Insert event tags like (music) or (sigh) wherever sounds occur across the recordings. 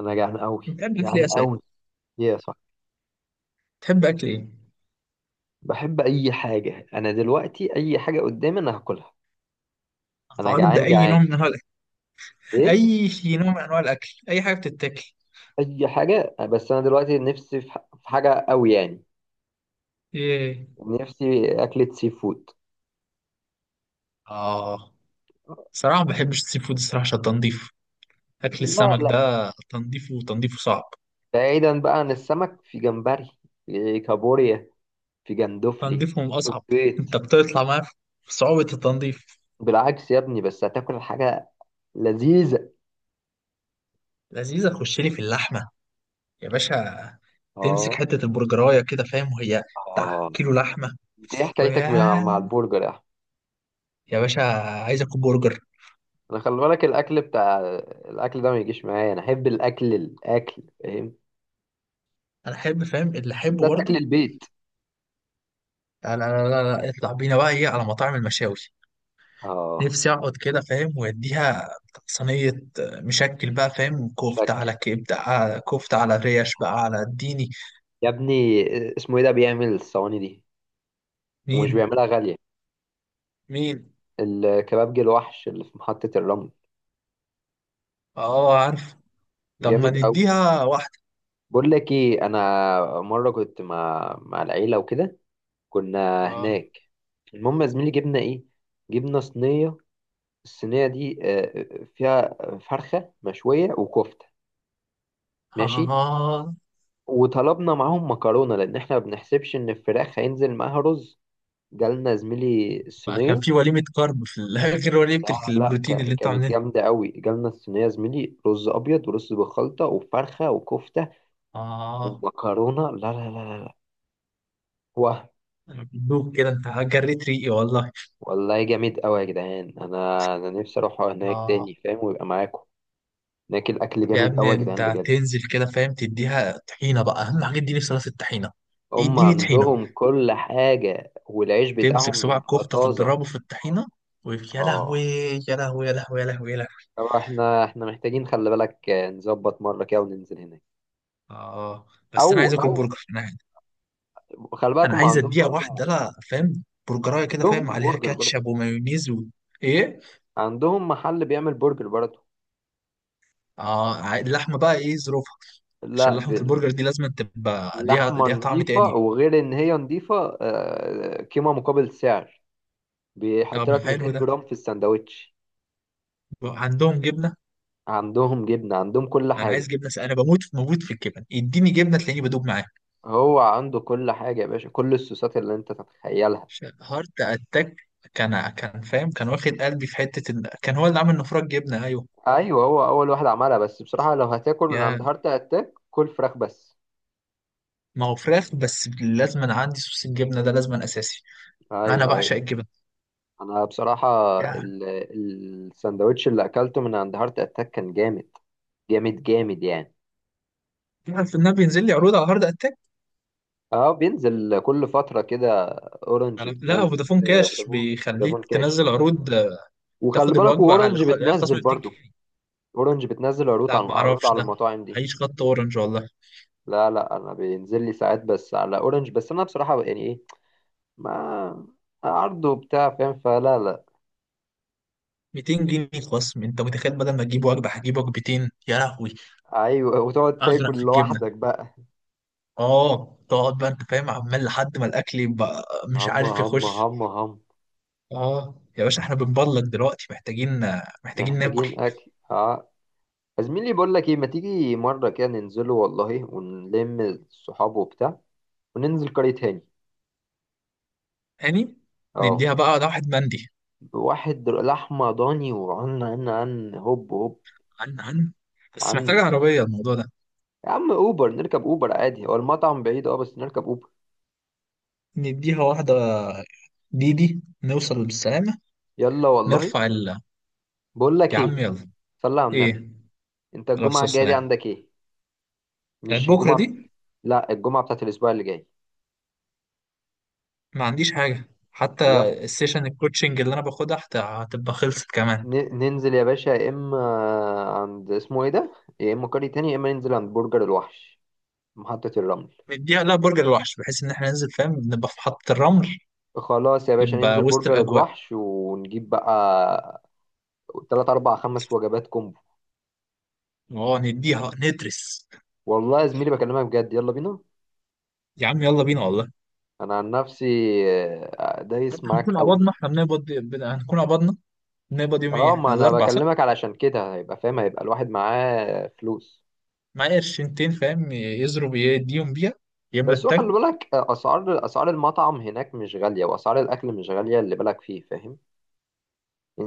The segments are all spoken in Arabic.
انا جعان قوي، بتحب اكل ايه جعان يا سيد؟ قوي. يا صح. تحب اكل ايه؟ بحب اي حاجه، انا دلوقتي اي حاجه قدامي انا هاكلها. انا عارض جعان اي جعان. نوع من انواع الاكل، ايه؟ اي نوع من انواع الاكل، اي حاجه بتتاكل. اي حاجه، بس انا دلوقتي نفسي في حاجه قوي يعني. ايه. نفسي اكله سي فود. اه، صراحه ما بحبش السي فود الصراحه عشان تنظيف اكل لا السمك لا، ده. تنظيفه صعب. بعيدا بقى عن السمك. في جمبري، في كابوريا، في جندوفلي، تنظيفه من في اصعب. سبيط. انت بتطلع معاه في صعوبه التنظيف. بالعكس يا ابني، بس هتاكل حاجه لذيذه. لذيذه، تخش لي في اللحمه يا باشا. تمسك اه، حته البرجرايه كده فاهم، وهي بتاع اه. كيلو لحمه. انت ايه حكايتك مع ويا مع البرجر يا احمد؟ يا باشا عايز اكل برجر. انا خلي بالك، الاكل بتاع الاكل ده ما يجيش معايا. انا احب الاكل، الاكل فاهم، انا احب فاهم اللي احبه بالذات اكل برضه. البيت. لا لا لا لا لا، اطلع بينا بقى ايه على مطاعم المشاوي. اه نفسي اقعد كده فاهم ويديها صينية. مشكل بقى فاهم، كفتة مشكل، على كبدة على كفتة على اه، ريش بقى آه. على اديني. يا ابني، اسمه ايه ده بيعمل الصواني دي؟ ومش مين؟ بيعملها غاليه، مين؟ الكبابجي الوحش اللي في محطه الرمل. اه عارف. طب ما جامد قوي. نديها واحدة. بقول لك ايه، انا مره كنت مع العيله وكده، كنا اه. هناك. المهم يا زميلي، جبنا ايه؟ جبنا صينيه. الصينيه دي فيها فرخه مشويه وكفته، ماشي؟ اه، وطلبنا معاهم مكرونة، لأن احنا ما بنحسبش إن الفراخ هينزل معاها رز. جالنا زميلي بقى كان الصينية. في وليمة كارب في (laughs) غير وليمة لا لا، البروتين اللي انت كانت عاملينها. جامدة قوي. جالنا الصينية زميلي، رز أبيض ورز بخلطة وفرخة وكفتة اه، ومكرونة. لا لا لا لا. واه، انا بدوب كده، انت جريت ريقي والله. والله جامد قوي يا جدعان. أنا نفسي أروح هناك اه، تاني فاهم، ويبقى معاكم. هناك الأكل يا جامد ابني قوي يا جدعان، انت بجد. تنزل كده فاهم تديها طحينه بقى، اهم حاجه اديني صلصه الطحينه. هم اديني طحينه. عندهم كل حاجة، والعيش تمسك بتاعهم صباع بيبقى كفته، طازة. تضربه في الطحينه. يا لهوي، اه. يا لهوي يا لهوي يا لهوي يا لهوي. طبعا احنا محتاجين خلي بالك نظبط مرة كده وننزل هناك. اه، او، بس انا عايز اكل او، برجر انا. خلي بالك انا هم عايز عندهم اديها برضو. واحده لا فاهم برجرايه كده فاهم عندهم عليها برجر برضو. كاتشب ومايونيز و... ايه؟ عندهم محل بيعمل برجر برضو. اه، اللحمه بقى ايه ظروفها؟ عشان لا لحمه بال- البرجر دي لازم تبقى ليها لحمة ليها طعم نضيفة، تاني. وغير ان هي نضيفة قيمة مقابل سعر. بيحط طعم لك 200 حلو ده. جرام في الساندوتش. عندهم جبنه؟ عندهم جبنة، عندهم كل انا عايز حاجة. جبنه انا بموت في الجبن، اديني جبنه تلاقيني بدوب معاها. هو عنده كل حاجة يا باشا، كل الصوصات اللي انت تتخيلها. هارت اتاك. كان فاهم، كان واخد قلبي في حته ال... كان هو اللي عامل نفرج جبنه. ايوه. ايوه، هو اول واحد عملها. بس بصراحة لو هتاكل من عند يا، هارت اتاك، كل فراخ بس. ما هو فراخ بس، لازم أنا عندي صوص الجبنه ده لازم، أنا اساسي. ايوه، انا ايوه. بعشق الجبن انا بصراحه، يعني. ال- الساندوتش اللي اكلته من عند هارت اتاك كان جامد، جامد جامد يعني. تعرف ان انا بينزل لي عروض على هارد اتاك. اه، بينزل كل فتره كده. اورنج أنا... لا، بتنزل، فودافون كاش فودافون، بيخليك فودافون كاش. تنزل عروض، وخلي تاخد بالك، الوجبه على واورنج على خصم بتنزل 200 برضو. جنيه اورنج بتنزل عروض لا، على ما عروض اعرفش على ده. المطاعم دي. عيش خط اورنج والله. لا لا، انا بينزل لي ساعات بس على اورنج. بس انا بصراحه يعني ايه، ما عرضه بتاع فاهم فلا لا. 200 جنيه خصم، انت متخيل؟ بدل ما تجيب وجبه هجيب وجبتين، يا لهوي. ايوه، وتقعد اغرق تاكل في الجبنه. لوحدك بقى. اه، تقعد بقى انت فاهم عمال لحد ما الاكل يبقى مش هم عارف هم يخش. هم هم. اه يا باشا، احنا بنبلك دلوقتي، محتاجين، محتاجين ناكل. محتاجين اكل، اه. يا زميلي بقول لك ايه، ما تيجي مره كده ننزله والله، ونلم الصحاب وبتاع، وننزل قرية هاني. هاني. اه. نديها بقى، ده واحد مندي. واحد لحمه ضاني، وعن عن عن هوب هوب، عن عن. بس محتاجة عن. عربية الموضوع ده. يا عم اوبر، نركب اوبر عادي. هو المطعم بعيد اه، بس نركب اوبر. نديها واحدة ديدي نوصل بالسلامة. يلا والله. نرفع ال. بقول لك يا ايه، عم يلا. صلي على ايه؟ النبي. انت على الجمعه الصلاة الجايه دي والسلام. عندك ايه؟ يعني مش بكرة الجمعه، دي؟ لا، الجمعه بتاعت الاسبوع اللي جاي. ما عنديش حاجة حتى. يلا. السيشن الكوتشنج اللي انا باخدها هتبقى خلصت كمان. ننزل يا باشا، يا اما عند اسمه ايه ده، يا اما قرية هاني، يا اما ننزل عند برجر الوحش، محطة الرمل. نديها. لا، برجر الوحش، بحيث ان احنا ننزل فاهم نبقى في محطة الرمل. خلاص يا باشا، يبقى ننزل وسط برجر الاجواء. الوحش ونجيب بقى تلات أربع خمس وجبات كومبو. اه، نديها ندرس. والله يا زميلي بكلمك بجد، يلا بينا. يا عم يلا بينا والله. أنا عن نفسي حتى دايس معاك هنكون قوي. قبضنا، احنا بنقبض هنكون قبضنا. بنقبض يوم ايه اه، احنا، ما أنا الاربع صح؟ بكلمك علشان كده هيبقى فاهم، هيبقى الواحد معاه فلوس. معايا قرشنتين فاهم يضرب يديهم بيها، يملى بس هو خلي التانك. بالك أسعار المطعم هناك مش غالية، وأسعار الأكل مش غالية اللي بالك فيه فاهم.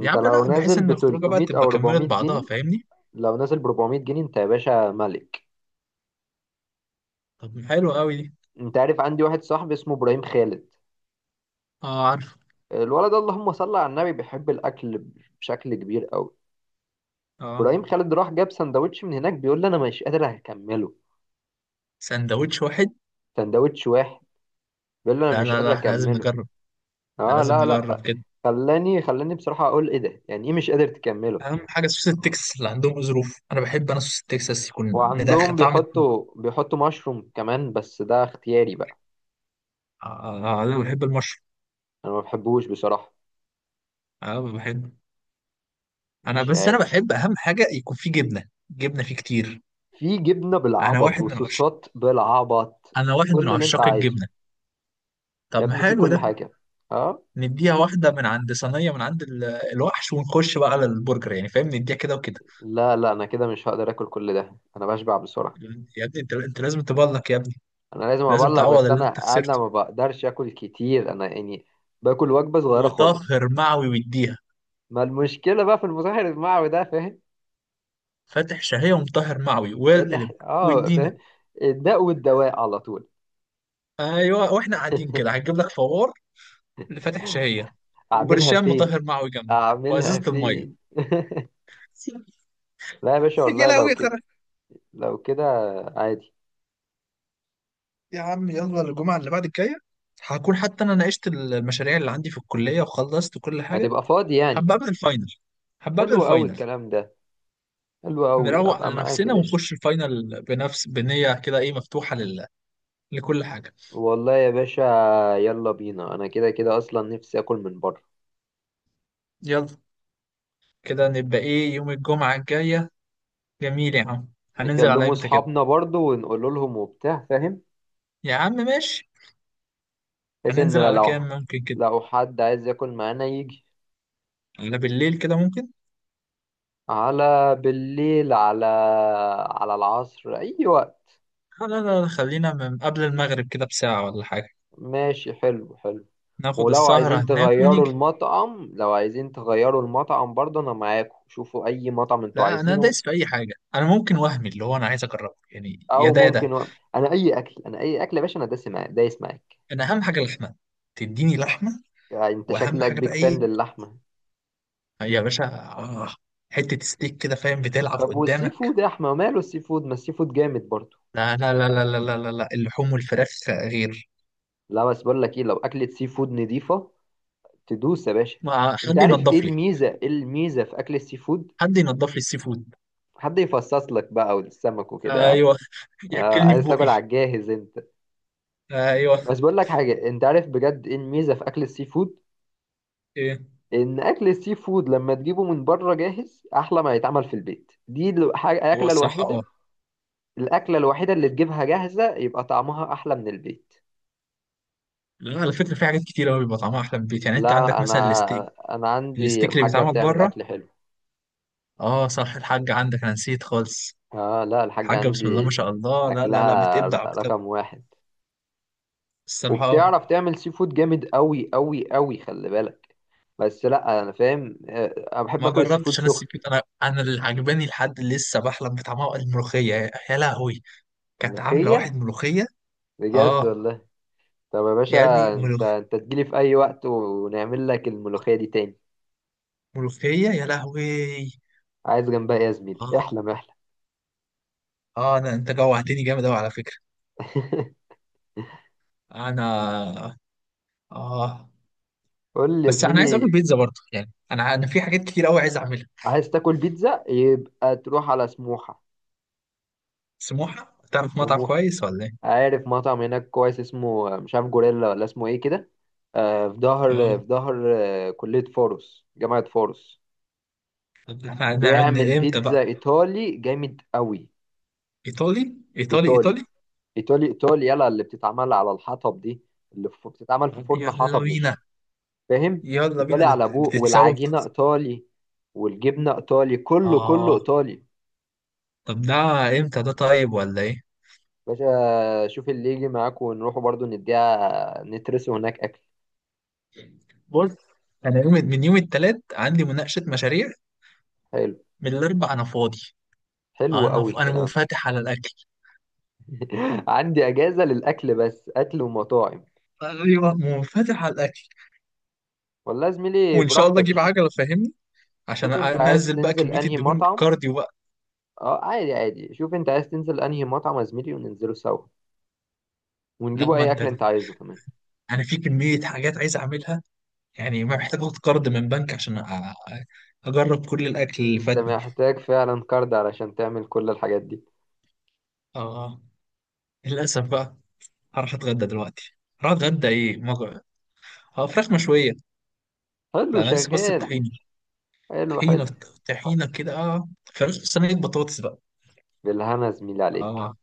يا عم لو لا، بحيث نازل ان ب الخروجه بقى 300 تبقى أو كملت 400 بعضها جنيه فاهمني. لو نازل ب 400 جنيه أنت يا باشا ملك. طب حلو قوي دي. أنت عارف عندي واحد صاحبي اسمه إبراهيم خالد؟ اه عارف. الولد ده اللهم صل على النبي بيحب الاكل بشكل كبير قوي. اه. ابراهيم خالد راح جاب سندوتش من هناك، بيقول لي انا مش قادر اكمله. سندوتش واحد؟ سندوتش واحد، بيقول لي انا لا مش لا قادر لا، احنا لازم اكمله. نجرب، احنا اه، لازم لا نجرب لا. كده. خلاني بصراحة اقول ايه ده، يعني ايه مش قادر تكمله؟ اهم حاجه سوس التكساس اللي عندهم ظروف، انا بحب انا سوس التكساس يكون مدخن وعندهم طعم. بيحطوا مشروم كمان، بس ده اختياري بقى. آه، انا بحب المشروم. انا ما بحبوش بصراحة، اه بحب. انا مش بس، انا عارف. بحب اهم حاجه يكون فيه جبنه، جبنه فيه كتير. في جبنة انا بالعبط واحد من وصوصات بالعبط، انا واحد من كل اللي انت عشاق عايزه. الجبنه. يا طب ما ابني، في حلو كل ده. حاجة. اه، نديها واحده من عند صينيه من عند الوحش، ونخش بقى على البرجر يعني فاهم، نديها كده وكده. لا لا، انا كده مش هقدر اكل كل ده، انا بشبع بسرعه. يا ابني انت لازم تبلك يا ابني، انا لازم لازم ابلغ، تعوض بس اللي انت انا خسرته. ما بقدرش اكل كتير انا يعني. باكل وجبه صغيره خالص. مطهر معوي ويديها. ما المشكله بقى في المسحر المعوي ده فاهم. فاتح شهيه ومطهر معوي ده تح... والقلب، اه ويدينا. فاهم. الداء والدواء على طول. ايوه، واحنا قاعدين كده هتجيب لك فوار لفاتح شهيه، اعملها وبرشام فين؟ مطهر معوي جنبك، اعملها وازازه الميه. فين؟ (laughs) لا يا باشا (laughs) يا والله لو لهوي. كده، لو كده عادي. يا عم يلا الجمعة اللي بعد الجاية، هكون حتى أنا ناقشت المشاريع اللي عندي في الكلية وخلصت كل حاجة، هتبقى فاضي يعني؟ هبقى قبل الفاينل، هبقى قبل حلو قوي الفاينل. الكلام ده، حلو قوي نروق ابقى على معاك يا نفسنا باشا. ونخش الفاينل بنفس بنية كده إيه مفتوحة لل... لكل حاجة. والله يا باشا، يلا بينا، انا كده كده اصلا نفسي اكل من بره. يلا. كده نبقى إيه يوم الجمعة الجاية. جميل يا عم. هننزل على نكلموا إمتى كده؟ اصحابنا برضو ونقول لهم وبتاع فاهم، يا عم ماشي. بحيث ان هننزل على لو، كام ممكن كده؟ لو حد عايز ياكل معانا يجي. على بالليل كده ممكن. على بالليل، على، على العصر، اي وقت. لا لا لا، خلينا من قبل المغرب كده بساعة ولا حاجة. ماشي، حلو حلو. ناخد ولو السهرة عايزين هناك تغيروا ونيجي. المطعم، برضو انا معاكم، شوفوا اي مطعم انتوا لا، انا عايزينه. دايس في اي حاجه انا، ممكن وهمي اللي هو انا عايز اجربه يعني، يا او ده يا ده. ممكن و... انا اي اكل، انا اي اكل يا باشا، انا دايس معاك، دايس معاك. انا اهم حاجه اللحمه، تديني لحمه. يعني انت واهم شكلك حاجه بقى بيج ايه، فان للحمه. يا باشا آه، حته ستيك كده فاهم بتلعب طب والسي قدامك. فود يا احمد، ماله السي فود؟ ما السي فود جامد برضو. لا لا لا لا لا لا لا، لا. اللحوم والفراخ غير. لا بس بقول لك ايه، لو اكلة سي فود نضيفة تدوس يا باشا. ما انت حد عارف ايه ينضف لي. الميزة، ايه الميزة في اكل السي فود؟ حد ينضف لي السي فود. حد يفصص لك بقى والسمك وكده، ها؟ ايوه. آه، ياكلني في عايز بقي. تاكل على الجاهز انت. ايوه. بس بقول لك حاجة، انت عارف بجد ايه الميزة في اكل السي فود؟ ايه؟ ان اكل السي فود لما تجيبه من بره جاهز، احلى ما يتعمل في البيت. دي الحاجة هو الاكلة الصراحه الوحيدة، اه. الاكلة الوحيدة اللي تجيبها جاهزة يبقى طعمها احلى من البيت. لا على فكره، في حاجات كتير قوي بيبقى طعمها احلى من البيت، يعني انت عندك لا مثلا الستيك، انا، انا عندي الستيك اللي الحاجة بيتعمل بتعمل بره. اكل حلو. اه صح، الحاج عندك، انا نسيت خالص. اه لا، الحاجة حاجة بسم الله ما عندي شاء الله، لا لا لا، اكلها بتبدع بتبدع. رقم واحد. الصراحة وبتعرف تعمل سي فود جامد قوي قوي قوي، خلي بالك. بس لا انا فاهم انا بحب ما اكل السي فود جربتش انا سخن. السي فود. انا، انا اللي عجباني لحد اللي لسه بحلم بطعمها الملوخية، يا يا لهوي. كانت عاملة ملوخية، واحد ملوخية. بجد اه. والله. طب يا يا ابني باشا، انت انت تجيلي في اي وقت ونعمل لك الملوخية دي تاني. ملوخية يا لهوي. عايز جنبها ايه يا زميلي؟ اه. احلم، احلم. اه، انا انت جوعتني جامد اوي على فكرة. (laughs) انا. اه، قول لي يا بس انا عايز زميلي. اكل بيتزا برضه يعني، انا انا في حاجات كتير اوي عايز اعملها. عايز تاكل بيتزا؟ يبقى تروح على سموحة. سموحة، تعرف مطعم سموحة، كويس ولا ايه؟ عارف مطعم هناك كويس اسمه مش عارف جوريلا، ولا اسمه ايه كده. في اه. ظهر، كلية فاروس، جامعة فاروس. طب احنا هنعمل بيعمل امتى بيتزا بقى؟ ايطالي جامد قوي. ايطالي ايطالي ايطالي، ايطالي. ايطالي، ايطالي. يلا اللي بتتعمل على الحطب دي، اللي بتتعمل في طب فرن يلا حطب بينا. مش فاهم. يلا ايطالي بينا ده على ابوه، بتتسوى والعجينة ايطالي، والجبنة ايطالي، كله كله اه. ايطالي. طب ده امتى ده، طيب ولا ايه؟ باشا شوف اللي يجي معاك، ونروحوا برضو نديها نترسوا هناك اكل. بص، انا يوم من يوم التلات عندي مناقشة مشاريع، حلو، من الاربع انا فاضي. حلو انا قوي ف... انا الكلام. منفتح على الاكل. (laughs) عندي اجازه للاكل بس، اكل ومطاعم. ايوه، منفتح على الاكل. والله يا زميلي وان شاء الله براحتك، اجيب شوف. عجلة فاهمني، عشان شوف انت عايز انزل بقى تنزل كمية انهي الدهون، مطعم. كارديو بقى. اه، عادي عادي، شوف انت عايز تنزل انهي مطعم يا زميلي وننزله سوا، لا ونجيبوا ما اي انت، اكل انت عايزه كمان. انا في كمية حاجات عايز اعملها يعني، ما محتاج اخد قرض من بنك عشان اجرب كل الاكل اللي انت فاتني. محتاج فعلا كارد علشان تعمل كل الحاجات دي. اه، للاسف بقى. هروح اتغدى دلوقتي. هروح اتغدى ايه اه، فراخ مشويه. حلو، لا انا لسه بس شغال. بطحينه. حلو طحينه، حلو. طحينه كده اه. فراخ صينيه بطاطس بقى. بالهنا يا زميلي عليك. اه.